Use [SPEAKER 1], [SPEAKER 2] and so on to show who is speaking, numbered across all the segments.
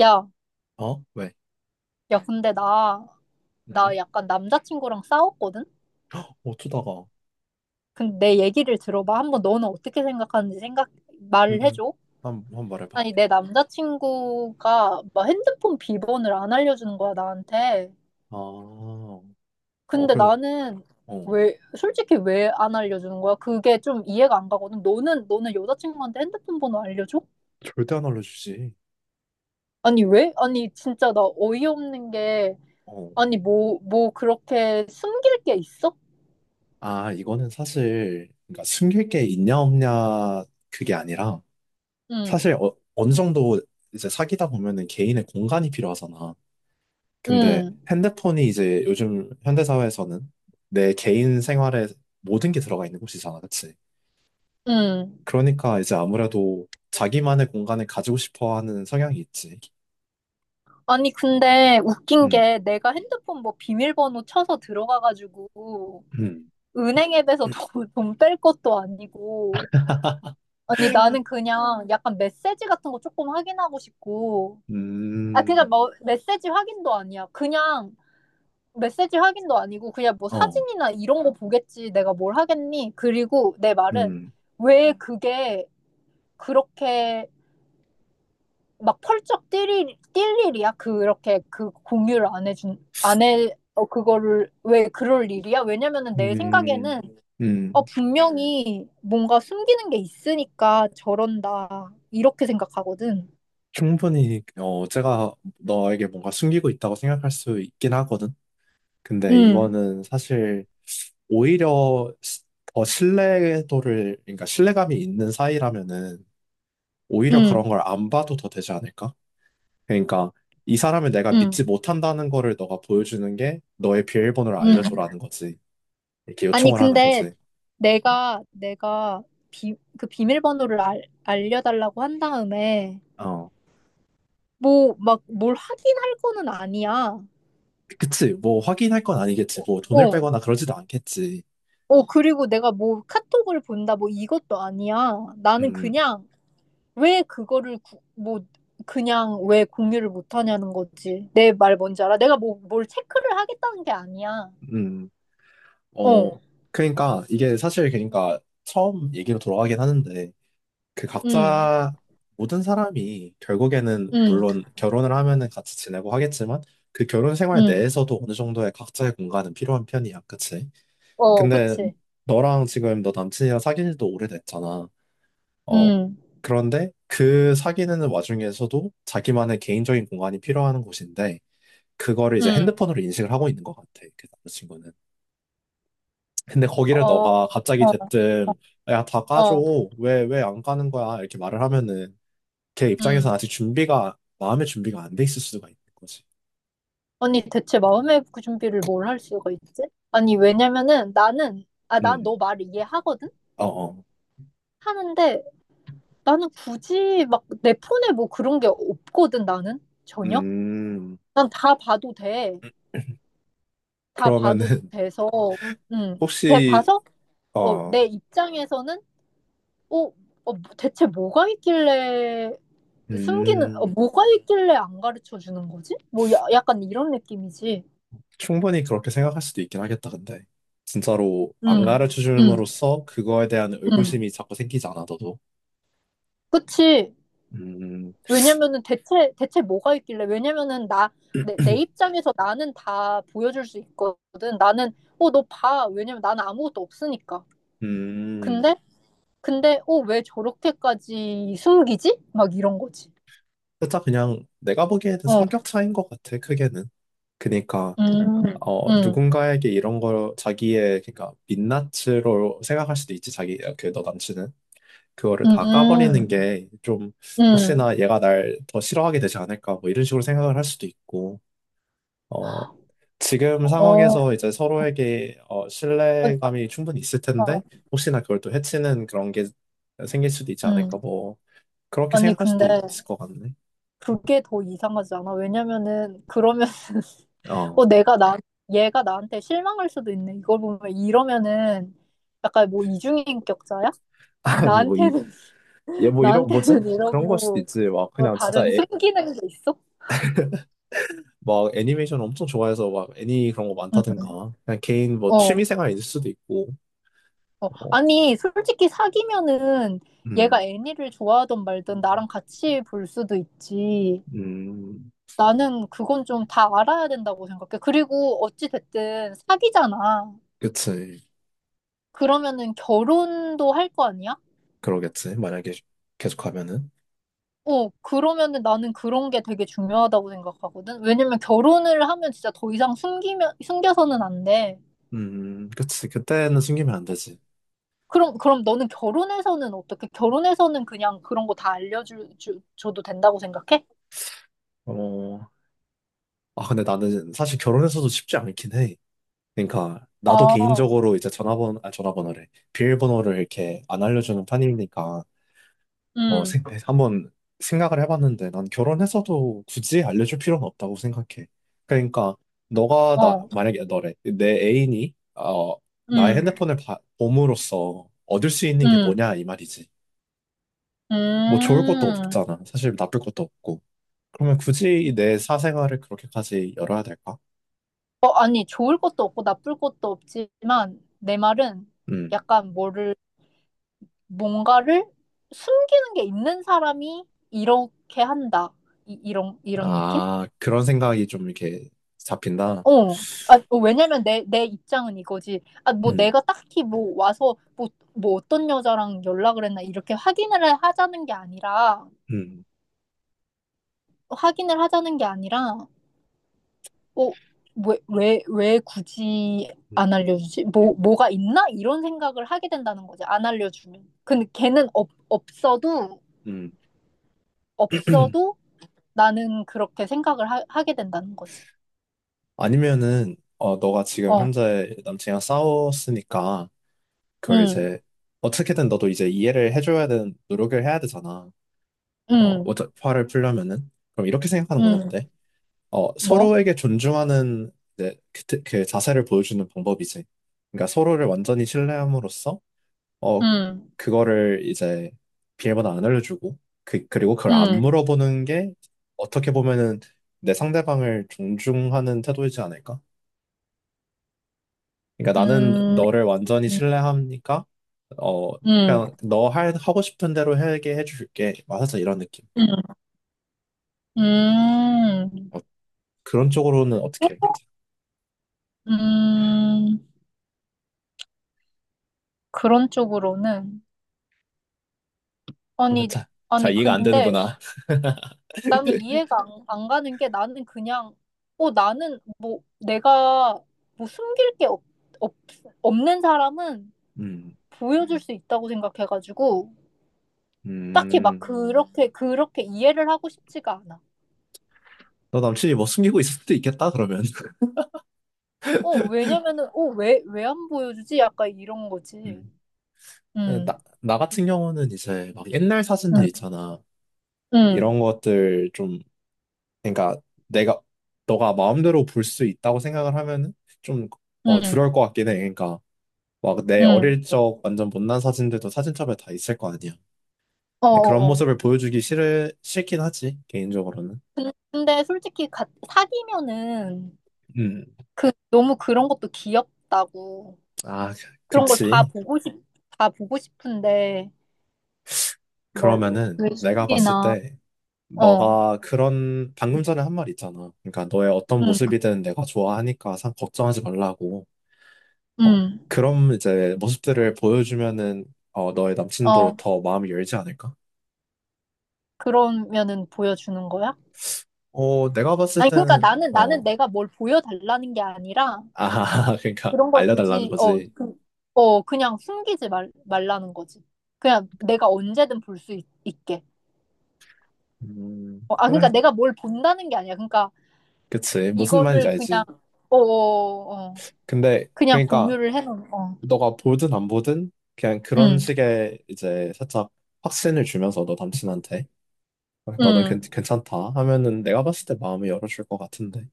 [SPEAKER 1] 야,
[SPEAKER 2] 어? 왜?
[SPEAKER 1] 야, 근데 나
[SPEAKER 2] 음?
[SPEAKER 1] 약간 남자친구랑 싸웠거든?
[SPEAKER 2] 헉, 어쩌다가?
[SPEAKER 1] 근데 내 얘기를 들어봐. 한번 너는 어떻게 생각하는지
[SPEAKER 2] 음,
[SPEAKER 1] 말을
[SPEAKER 2] 음.
[SPEAKER 1] 해줘.
[SPEAKER 2] 한번 말해봐.
[SPEAKER 1] 아니, 내 남자친구가 막 핸드폰 비번을 안 알려주는 거야, 나한테.
[SPEAKER 2] 아, 어,
[SPEAKER 1] 근데
[SPEAKER 2] 그래,
[SPEAKER 1] 나는
[SPEAKER 2] 어.
[SPEAKER 1] 솔직히 왜 안 알려주는 거야? 그게 좀 이해가 안 가거든. 너는 여자친구한테 핸드폰 번호 알려줘?
[SPEAKER 2] 절대 안 알려주지.
[SPEAKER 1] 아니, 왜? 아니, 진짜 나 어이없는 게,
[SPEAKER 2] 어.
[SPEAKER 1] 아니, 뭐 그렇게 숨길 게 있어?
[SPEAKER 2] 아, 이거는 사실, 그러니까 숨길 게 있냐, 없냐, 그게 아니라,
[SPEAKER 1] 응,
[SPEAKER 2] 사실 어, 어느 정도 이제 사귀다 보면은 개인의 공간이 필요하잖아. 근데
[SPEAKER 1] 응,
[SPEAKER 2] 핸드폰이 이제 요즘 현대사회에서는 내 개인 생활에 모든 게 들어가 있는 곳이잖아, 그치?
[SPEAKER 1] 응.
[SPEAKER 2] 그러니까 이제 아무래도 자기만의 공간을 가지고 싶어 하는 성향이 있지.
[SPEAKER 1] 아니, 근데 웃긴
[SPEAKER 2] 음.
[SPEAKER 1] 게 내가 핸드폰 뭐 비밀번호 쳐서 들어가가지고
[SPEAKER 2] 음,
[SPEAKER 1] 은행 앱에서 돈 뺄 것도 아니고. 아니, 나는 그냥 약간 메시지 같은 거 조금 확인하고 싶고. 아, 그러니까
[SPEAKER 2] 음,
[SPEAKER 1] 뭐 메시지 확인도 아니야. 그냥 메시지 확인도 아니고 그냥 뭐
[SPEAKER 2] 어,
[SPEAKER 1] 사진이나 이런 거 보겠지. 내가 뭘 하겠니? 그리고 내 말은
[SPEAKER 2] 음,
[SPEAKER 1] 왜 그게 그렇게 막 펄쩍 뛸 일이야? 그렇게 그 공유를 안 해준, 안 해, 그거를, 왜 그럴 일이야? 왜냐면은 내 생각에는,
[SPEAKER 2] 음, 음.
[SPEAKER 1] 분명히 뭔가 숨기는 게 있으니까 저런다. 이렇게 생각하거든.
[SPEAKER 2] 충분히, 어, 제가 너에게 뭔가 숨기고 있다고 생각할 수 있긴 하거든. 근데
[SPEAKER 1] 응,
[SPEAKER 2] 이거는 사실 오히려 더 신뢰도를, 그러니까 신뢰감이 있는 사이라면은 오히려 그런
[SPEAKER 1] 응,
[SPEAKER 2] 걸 안 봐도 더 되지 않을까? 그러니까 이 사람을 내가
[SPEAKER 1] 응,
[SPEAKER 2] 믿지 못한다는 거를 너가 보여주는 게 너의 비밀번호를
[SPEAKER 1] 응.
[SPEAKER 2] 알려줘라는 거지. 이렇게
[SPEAKER 1] 아니,
[SPEAKER 2] 요청을 하는
[SPEAKER 1] 근데
[SPEAKER 2] 거지.
[SPEAKER 1] 내가 그 비밀번호를 알려달라고 한 다음에,
[SPEAKER 2] 어.
[SPEAKER 1] 뭐, 막 뭘 하긴 할 거는 아니야.
[SPEAKER 2] 그치, 뭐 확인할 건 아니겠지, 뭐 돈을
[SPEAKER 1] 어,
[SPEAKER 2] 빼거나 그러지도 않겠지.
[SPEAKER 1] 어, 그리고 내가 뭐 카톡을 본다, 뭐 이것도 아니야. 나는
[SPEAKER 2] 음,
[SPEAKER 1] 그냥 왜 그거를 뭐 그냥 왜 공유를 못 하냐는 거지. 내 말 뭔지 알아? 내가 뭐 뭘 체크를 하겠다는 게 아니야.
[SPEAKER 2] 음,
[SPEAKER 1] 어,
[SPEAKER 2] 어, 그러니까 이게 사실 그러니까 처음 얘기로 돌아가긴 하는데 그
[SPEAKER 1] 응,
[SPEAKER 2] 각자 모든 사람이 결국에는
[SPEAKER 1] 응,
[SPEAKER 2] 물론 결혼을 하면은 같이 지내고 하겠지만 그 결혼 생활
[SPEAKER 1] 응.
[SPEAKER 2] 내에서도 어느 정도의 각자의 공간은 필요한 편이야, 그치?
[SPEAKER 1] 어,
[SPEAKER 2] 근데
[SPEAKER 1] 그치.
[SPEAKER 2] 너랑 지금 너 남친이랑 사귄 지도 오래됐잖아. 어,
[SPEAKER 1] 응,
[SPEAKER 2] 그런데 그 사귀는 와중에서도 자기만의 개인적인 공간이 필요한 곳인데 그거를 이제
[SPEAKER 1] 응.
[SPEAKER 2] 핸드폰으로 인식을 하고 있는 것 같아. 그 남자친구는. 근데 거기를
[SPEAKER 1] 어,
[SPEAKER 2] 너가 갑자기
[SPEAKER 1] 어,
[SPEAKER 2] 대뜸 야, 다 까줘.
[SPEAKER 1] 어,
[SPEAKER 2] 왜, 왜 안 까는 거야? 이렇게 말을 하면은 걔 입장에서는
[SPEAKER 1] 음.
[SPEAKER 2] 아직 준비가 마음의 준비가 안 돼 있을 수가 있는 거지.
[SPEAKER 1] 언니, 대체 마음의 그 준비를 뭘 할 수가 있지? 아니, 왜냐면은 난
[SPEAKER 2] 음.
[SPEAKER 1] 너 말을 이해하거든?
[SPEAKER 2] 어, 어.
[SPEAKER 1] 하는데, 나는 굳이 막 내 폰에 뭐 그런 게 없거든, 나는 전혀.
[SPEAKER 2] 음.
[SPEAKER 1] 난 다 봐도 돼. 다 봐도
[SPEAKER 2] 그러면은
[SPEAKER 1] 돼서,
[SPEAKER 2] 혹시
[SPEAKER 1] 봐서, 어,
[SPEAKER 2] 어.
[SPEAKER 1] 내 입장에서는, 어, 어, 뭐 대체 뭐가 있길래
[SPEAKER 2] 음.
[SPEAKER 1] 뭐가 있길래 안 가르쳐 주는 거지? 뭐, 야, 약간 이런 느낌이지.
[SPEAKER 2] 충분히 그렇게 생각할 수도 있긴 하겠다. 근데 진짜로 안
[SPEAKER 1] 음,
[SPEAKER 2] 가르쳐
[SPEAKER 1] 음,
[SPEAKER 2] 줌으로써 그거에 대한
[SPEAKER 1] 음.
[SPEAKER 2] 의구심이 자꾸 생기지 않아 너도.
[SPEAKER 1] 그치.
[SPEAKER 2] 음.
[SPEAKER 1] 왜냐면은 대체 뭐가 있길래 왜냐면은 나 내 내 입장에서 나는 다 보여줄 수 있거든. 나는 너 봐. 왜냐면 나는 아무것도 없으니까.
[SPEAKER 2] 음.
[SPEAKER 1] 근데 근데 왜 저렇게까지 숨기지 막 이런 거지.
[SPEAKER 2] 살짝 그냥 내가 보기에는 성격
[SPEAKER 1] 어.
[SPEAKER 2] 차이인 것 같아, 크게는. 그니까,
[SPEAKER 1] 음.
[SPEAKER 2] 어,
[SPEAKER 1] 음.
[SPEAKER 2] 누군가에게 이런 걸 자기의, 그니까, 민낯으로 생각할 수도 있지, 자기, 그, 너 남친은. 그거를 다 까버리는
[SPEAKER 1] 음.
[SPEAKER 2] 게 좀,
[SPEAKER 1] 음.
[SPEAKER 2] 혹시나 얘가 날 더 싫어하게 되지 않을까, 뭐, 이런 식으로 생각을 할 수도 있고, 어, 지금
[SPEAKER 1] 어. 어,
[SPEAKER 2] 상황에서 이제 서로에게, 어, 신뢰감이 충분히 있을
[SPEAKER 1] 어.
[SPEAKER 2] 텐데, 혹시나 그걸 또 해치는 그런 게 생길 수도 있지
[SPEAKER 1] 음.
[SPEAKER 2] 않을까, 뭐, 그렇게
[SPEAKER 1] 아니
[SPEAKER 2] 생각할 수도
[SPEAKER 1] 근데
[SPEAKER 2] 있을 것 같네.
[SPEAKER 1] 그게 더 이상하지 않아? 왜냐면은 그러면
[SPEAKER 2] 어.
[SPEAKER 1] 어, 내가 나, 얘가 나한테 실망할 수도 있네. 이걸 보면 이러면은 약간 뭐 이중인격자야?
[SPEAKER 2] 아니, 뭐, 이,
[SPEAKER 1] 나한테는,
[SPEAKER 2] 얘 뭐 이런 뭐지?
[SPEAKER 1] 나한테는
[SPEAKER 2] 그런 걸 수도
[SPEAKER 1] 이러고
[SPEAKER 2] 있지. 막
[SPEAKER 1] 뭐
[SPEAKER 2] 그냥 진짜
[SPEAKER 1] 다른
[SPEAKER 2] 애,
[SPEAKER 1] 숨기는 게 있어?
[SPEAKER 2] 막 애니메이션 엄청 좋아해서 막 애니 그런 거
[SPEAKER 1] 응,
[SPEAKER 2] 많다든가. 그냥 개인 뭐 취미
[SPEAKER 1] 어,
[SPEAKER 2] 생활일 수도 있고.
[SPEAKER 1] 어.
[SPEAKER 2] 어,
[SPEAKER 1] 아니, 솔직히 사귀면은 얘가
[SPEAKER 2] 음,
[SPEAKER 1] 애니를 좋아하든 말든 나랑 같이 볼 수도 있지.
[SPEAKER 2] 음,
[SPEAKER 1] 나는 그건 좀 다 알아야 된다고 생각해. 그리고 어찌 됐든 사귀잖아.
[SPEAKER 2] 그치.
[SPEAKER 1] 그러면은 결혼도 할 거 아니야?
[SPEAKER 2] 그러겠지. 만약에 계속 하면은.
[SPEAKER 1] 어, 그러면은 나는 그런 게 되게 중요하다고 생각하거든. 왜냐면 결혼을 하면 진짜 더 이상 숨겨서는 안 돼.
[SPEAKER 2] 그치. 그때는 숨기면 안 되지.
[SPEAKER 1] 그럼 너는 결혼해서는 어떻게? 결혼해서는 그냥 그런 거 다 줘도 된다고 생각해?
[SPEAKER 2] 어, 아, 근데 나는 사실 결혼해서도 쉽지 않긴 해. 그러니까 나도
[SPEAKER 1] 어,
[SPEAKER 2] 개인적으로 이제 전화번호, 아, 전화번호래. 비밀번호를 이렇게 안 알려주는 편이니까. 어, 생,
[SPEAKER 1] 음,
[SPEAKER 2] 네, 한번 생각을 해봤는데 난 결혼해서도 굳이 알려줄 필요는 없다고 생각해. 그러니까 너가 나
[SPEAKER 1] 어,
[SPEAKER 2] 만약에 너래 내 애인이 어 나의
[SPEAKER 1] 음,
[SPEAKER 2] 핸드폰을 봄으로써 얻을 수 있는 게
[SPEAKER 1] 음,
[SPEAKER 2] 뭐냐 이 말이지. 뭐 좋을 것도
[SPEAKER 1] 음.
[SPEAKER 2] 없잖아. 사실 나쁠 것도 없고. 그러면 굳이 내 사생활을 그렇게까지 열어야 될까?
[SPEAKER 1] 어, 아니, 좋을 것도 없고 나쁠 것도 없지만 내 말은
[SPEAKER 2] 음.
[SPEAKER 1] 약간 뭔가를 숨기는 게 있는 사람이 이렇게 한다. 이런 느낌?
[SPEAKER 2] 아, 그런 생각이 좀 이렇게 잡힌다.
[SPEAKER 1] 어. 아, 왜냐면 내 입장은 이거지. 아, 뭐
[SPEAKER 2] 음.
[SPEAKER 1] 내가 딱히 뭐 와서 뭐, 어떤 여자랑 연락을 했나 이렇게 확인을 하자는 게 아니라,
[SPEAKER 2] 음.
[SPEAKER 1] 확인을 하자는 게 아니라, 어, 왜 굳이 안
[SPEAKER 2] 음.
[SPEAKER 1] 알려주지? 뭐가 있나? 이런 생각을 하게 된다는 거지. 안 알려주면. 근데 걔는 없, 없어도,
[SPEAKER 2] 음.
[SPEAKER 1] 없어도 나는 그렇게 생각을 하게 된다는 거지.
[SPEAKER 2] 아니면은 어 너가 지금
[SPEAKER 1] 어,
[SPEAKER 2] 현재 남친이랑 싸웠으니까 그걸
[SPEAKER 1] 음,
[SPEAKER 2] 이제 어떻게든 너도 이제 이해를 해줘야 되는 노력을 해야 되잖아. 어
[SPEAKER 1] 음,
[SPEAKER 2] 화를 풀려면은 그럼 이렇게 생각하는 건
[SPEAKER 1] 음,
[SPEAKER 2] 어때? 어
[SPEAKER 1] 뭐?
[SPEAKER 2] 서로에게 존중하는 이제 그 자세를 보여주는 방법이지. 그러니까 서로를 완전히 신뢰함으로써 어
[SPEAKER 1] 음,
[SPEAKER 2] 그거를 이제 비밀번호 안 알려주고 그 그리고 그걸 안
[SPEAKER 1] 음,
[SPEAKER 2] 물어보는 게 어떻게 보면은 내 상대방을 존중하는 태도이지 않을까? 그러니까 나는
[SPEAKER 1] 음.
[SPEAKER 2] 너를 완전히
[SPEAKER 1] 음,
[SPEAKER 2] 신뢰하니까 어
[SPEAKER 1] 음,
[SPEAKER 2] 그냥 너 하고 싶은 대로 하게 해줄게. 막 살짝 이런 느낌.
[SPEAKER 1] 음,
[SPEAKER 2] 어, 그런 쪽으로는 어떻게 해야 되지?
[SPEAKER 1] 음, 그런 쪽으로는. 아니,
[SPEAKER 2] 자, 잘
[SPEAKER 1] 아니,
[SPEAKER 2] 이해가 안
[SPEAKER 1] 근데
[SPEAKER 2] 되는구나.
[SPEAKER 1] 나는 이해가 안 가는 게 나는 그냥, 어, 나는 뭐, 내가 뭐 숨길 게 없, 없는 사람은
[SPEAKER 2] 음,
[SPEAKER 1] 보여줄 수 있다고 생각해가지고, 딱히 막
[SPEAKER 2] 음,
[SPEAKER 1] 그렇게 이해를 하고 싶지가 않아.
[SPEAKER 2] 너 남친이 뭐 숨기고 있을 수도 있겠다, 그러면.
[SPEAKER 1] 어, 왜냐면은, 왜 안 보여주지? 약간 이런 거지.
[SPEAKER 2] 음. 나,
[SPEAKER 1] 음,
[SPEAKER 2] 나 같은 경우는 이제 막 옛날 사진들
[SPEAKER 1] 음,
[SPEAKER 2] 있잖아. 이런
[SPEAKER 1] 음,
[SPEAKER 2] 것들 좀, 그러니까 내가, 너가 마음대로 볼 수 있다고 생각을 하면은 좀,
[SPEAKER 1] 음,
[SPEAKER 2] 어, 두려울 것 같긴 해. 그러니까 막 내 어릴
[SPEAKER 1] 음.
[SPEAKER 2] 적 완전 못난 사진들도 사진첩에 다 있을 거 아니야. 근데 그런
[SPEAKER 1] 어어어.
[SPEAKER 2] 모습을 보여주기 싫긴 하지, 개인적으로는.
[SPEAKER 1] 근데 솔직히 사귀면은
[SPEAKER 2] 음,
[SPEAKER 1] 그 너무 그런 것도 귀엽다고
[SPEAKER 2] 아, 그-
[SPEAKER 1] 그런 걸
[SPEAKER 2] 그렇지.
[SPEAKER 1] 다 보고 싶은데 뭐
[SPEAKER 2] 그러면은 내가 봤을
[SPEAKER 1] 외식이나
[SPEAKER 2] 때
[SPEAKER 1] 어,
[SPEAKER 2] 너가 그런 방금 전에 한 말 있잖아. 그러니까 너의 어떤
[SPEAKER 1] 응,
[SPEAKER 2] 모습이든 내가 좋아하니까 상 걱정하지 말라고. 어,
[SPEAKER 1] 응,
[SPEAKER 2] 그럼 이제 모습들을 보여주면은 어, 너의 남친도
[SPEAKER 1] 어
[SPEAKER 2] 더 마음이 열지 않을까?
[SPEAKER 1] 그러면은 보여주는 거야?
[SPEAKER 2] 어, 내가 봤을
[SPEAKER 1] 아니 그러니까
[SPEAKER 2] 때는
[SPEAKER 1] 나는
[SPEAKER 2] 어,
[SPEAKER 1] 내가 뭘 보여달라는 게 아니라
[SPEAKER 2] 아, 그러니까
[SPEAKER 1] 그런 걸
[SPEAKER 2] 알려달라는
[SPEAKER 1] 굳이
[SPEAKER 2] 거지.
[SPEAKER 1] 그냥 숨기지 말라는 거지. 그냥 내가 언제든 볼 수 있게. 어, 아 그러니까
[SPEAKER 2] 그래.
[SPEAKER 1] 내가 뭘 본다는 게 아니야. 그러니까
[SPEAKER 2] 그치. 무슨 말인지
[SPEAKER 1] 이거를 그냥
[SPEAKER 2] 알지.
[SPEAKER 1] 어, 어, 어. 어.
[SPEAKER 2] 근데,
[SPEAKER 1] 그냥
[SPEAKER 2] 그러니까,
[SPEAKER 1] 공유를 해놓은 어.
[SPEAKER 2] 너가 보든 안 보든, 그냥 그런
[SPEAKER 1] 음,
[SPEAKER 2] 식의 이제 살짝 확신을 주면서 너 남친한테, 어, 너는 괜,
[SPEAKER 1] 음,
[SPEAKER 2] 괜찮다 하면은 내가 봤을 때 마음을 열어줄 것 같은데.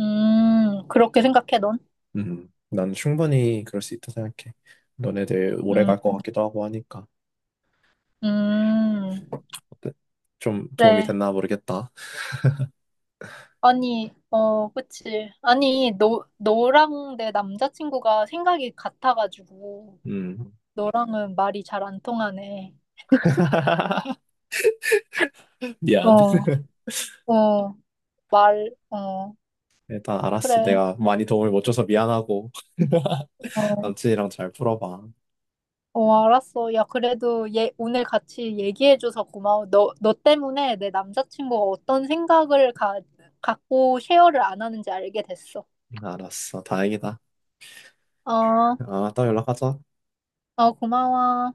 [SPEAKER 1] 그렇게 생각해 넌?
[SPEAKER 2] 난 충분히 그럴 수 있다 생각해. 너네들 오래
[SPEAKER 1] 음,
[SPEAKER 2] 갈 것 같기도 하고 하니까.
[SPEAKER 1] 음,
[SPEAKER 2] 어때? 좀 도움이
[SPEAKER 1] 그래.
[SPEAKER 2] 됐나 모르겠다.
[SPEAKER 1] 아니, 어, 그치. 아니, 너랑 내 남자친구가 생각이 같아가지고
[SPEAKER 2] 음,
[SPEAKER 1] 너랑은 말이 잘 안 통하네.
[SPEAKER 2] 미안.
[SPEAKER 1] 어, 어, 말, 어,
[SPEAKER 2] 일단 알았어.
[SPEAKER 1] 그래.
[SPEAKER 2] 내가 많이 도움을 못 줘서 미안하고.
[SPEAKER 1] 어.
[SPEAKER 2] 남친이랑 잘 풀어봐.
[SPEAKER 1] 어, 알았어. 야, 그래도 얘 오늘 같이 얘기해줘서 고마워. 너 때문에 내 남자친구가 어떤 생각을 갖고 쉐어를 안 하는지 알게 됐어.
[SPEAKER 2] 알았어. 다행이다.
[SPEAKER 1] 어,
[SPEAKER 2] 아, 따 연락하자.
[SPEAKER 1] 어, 고마워.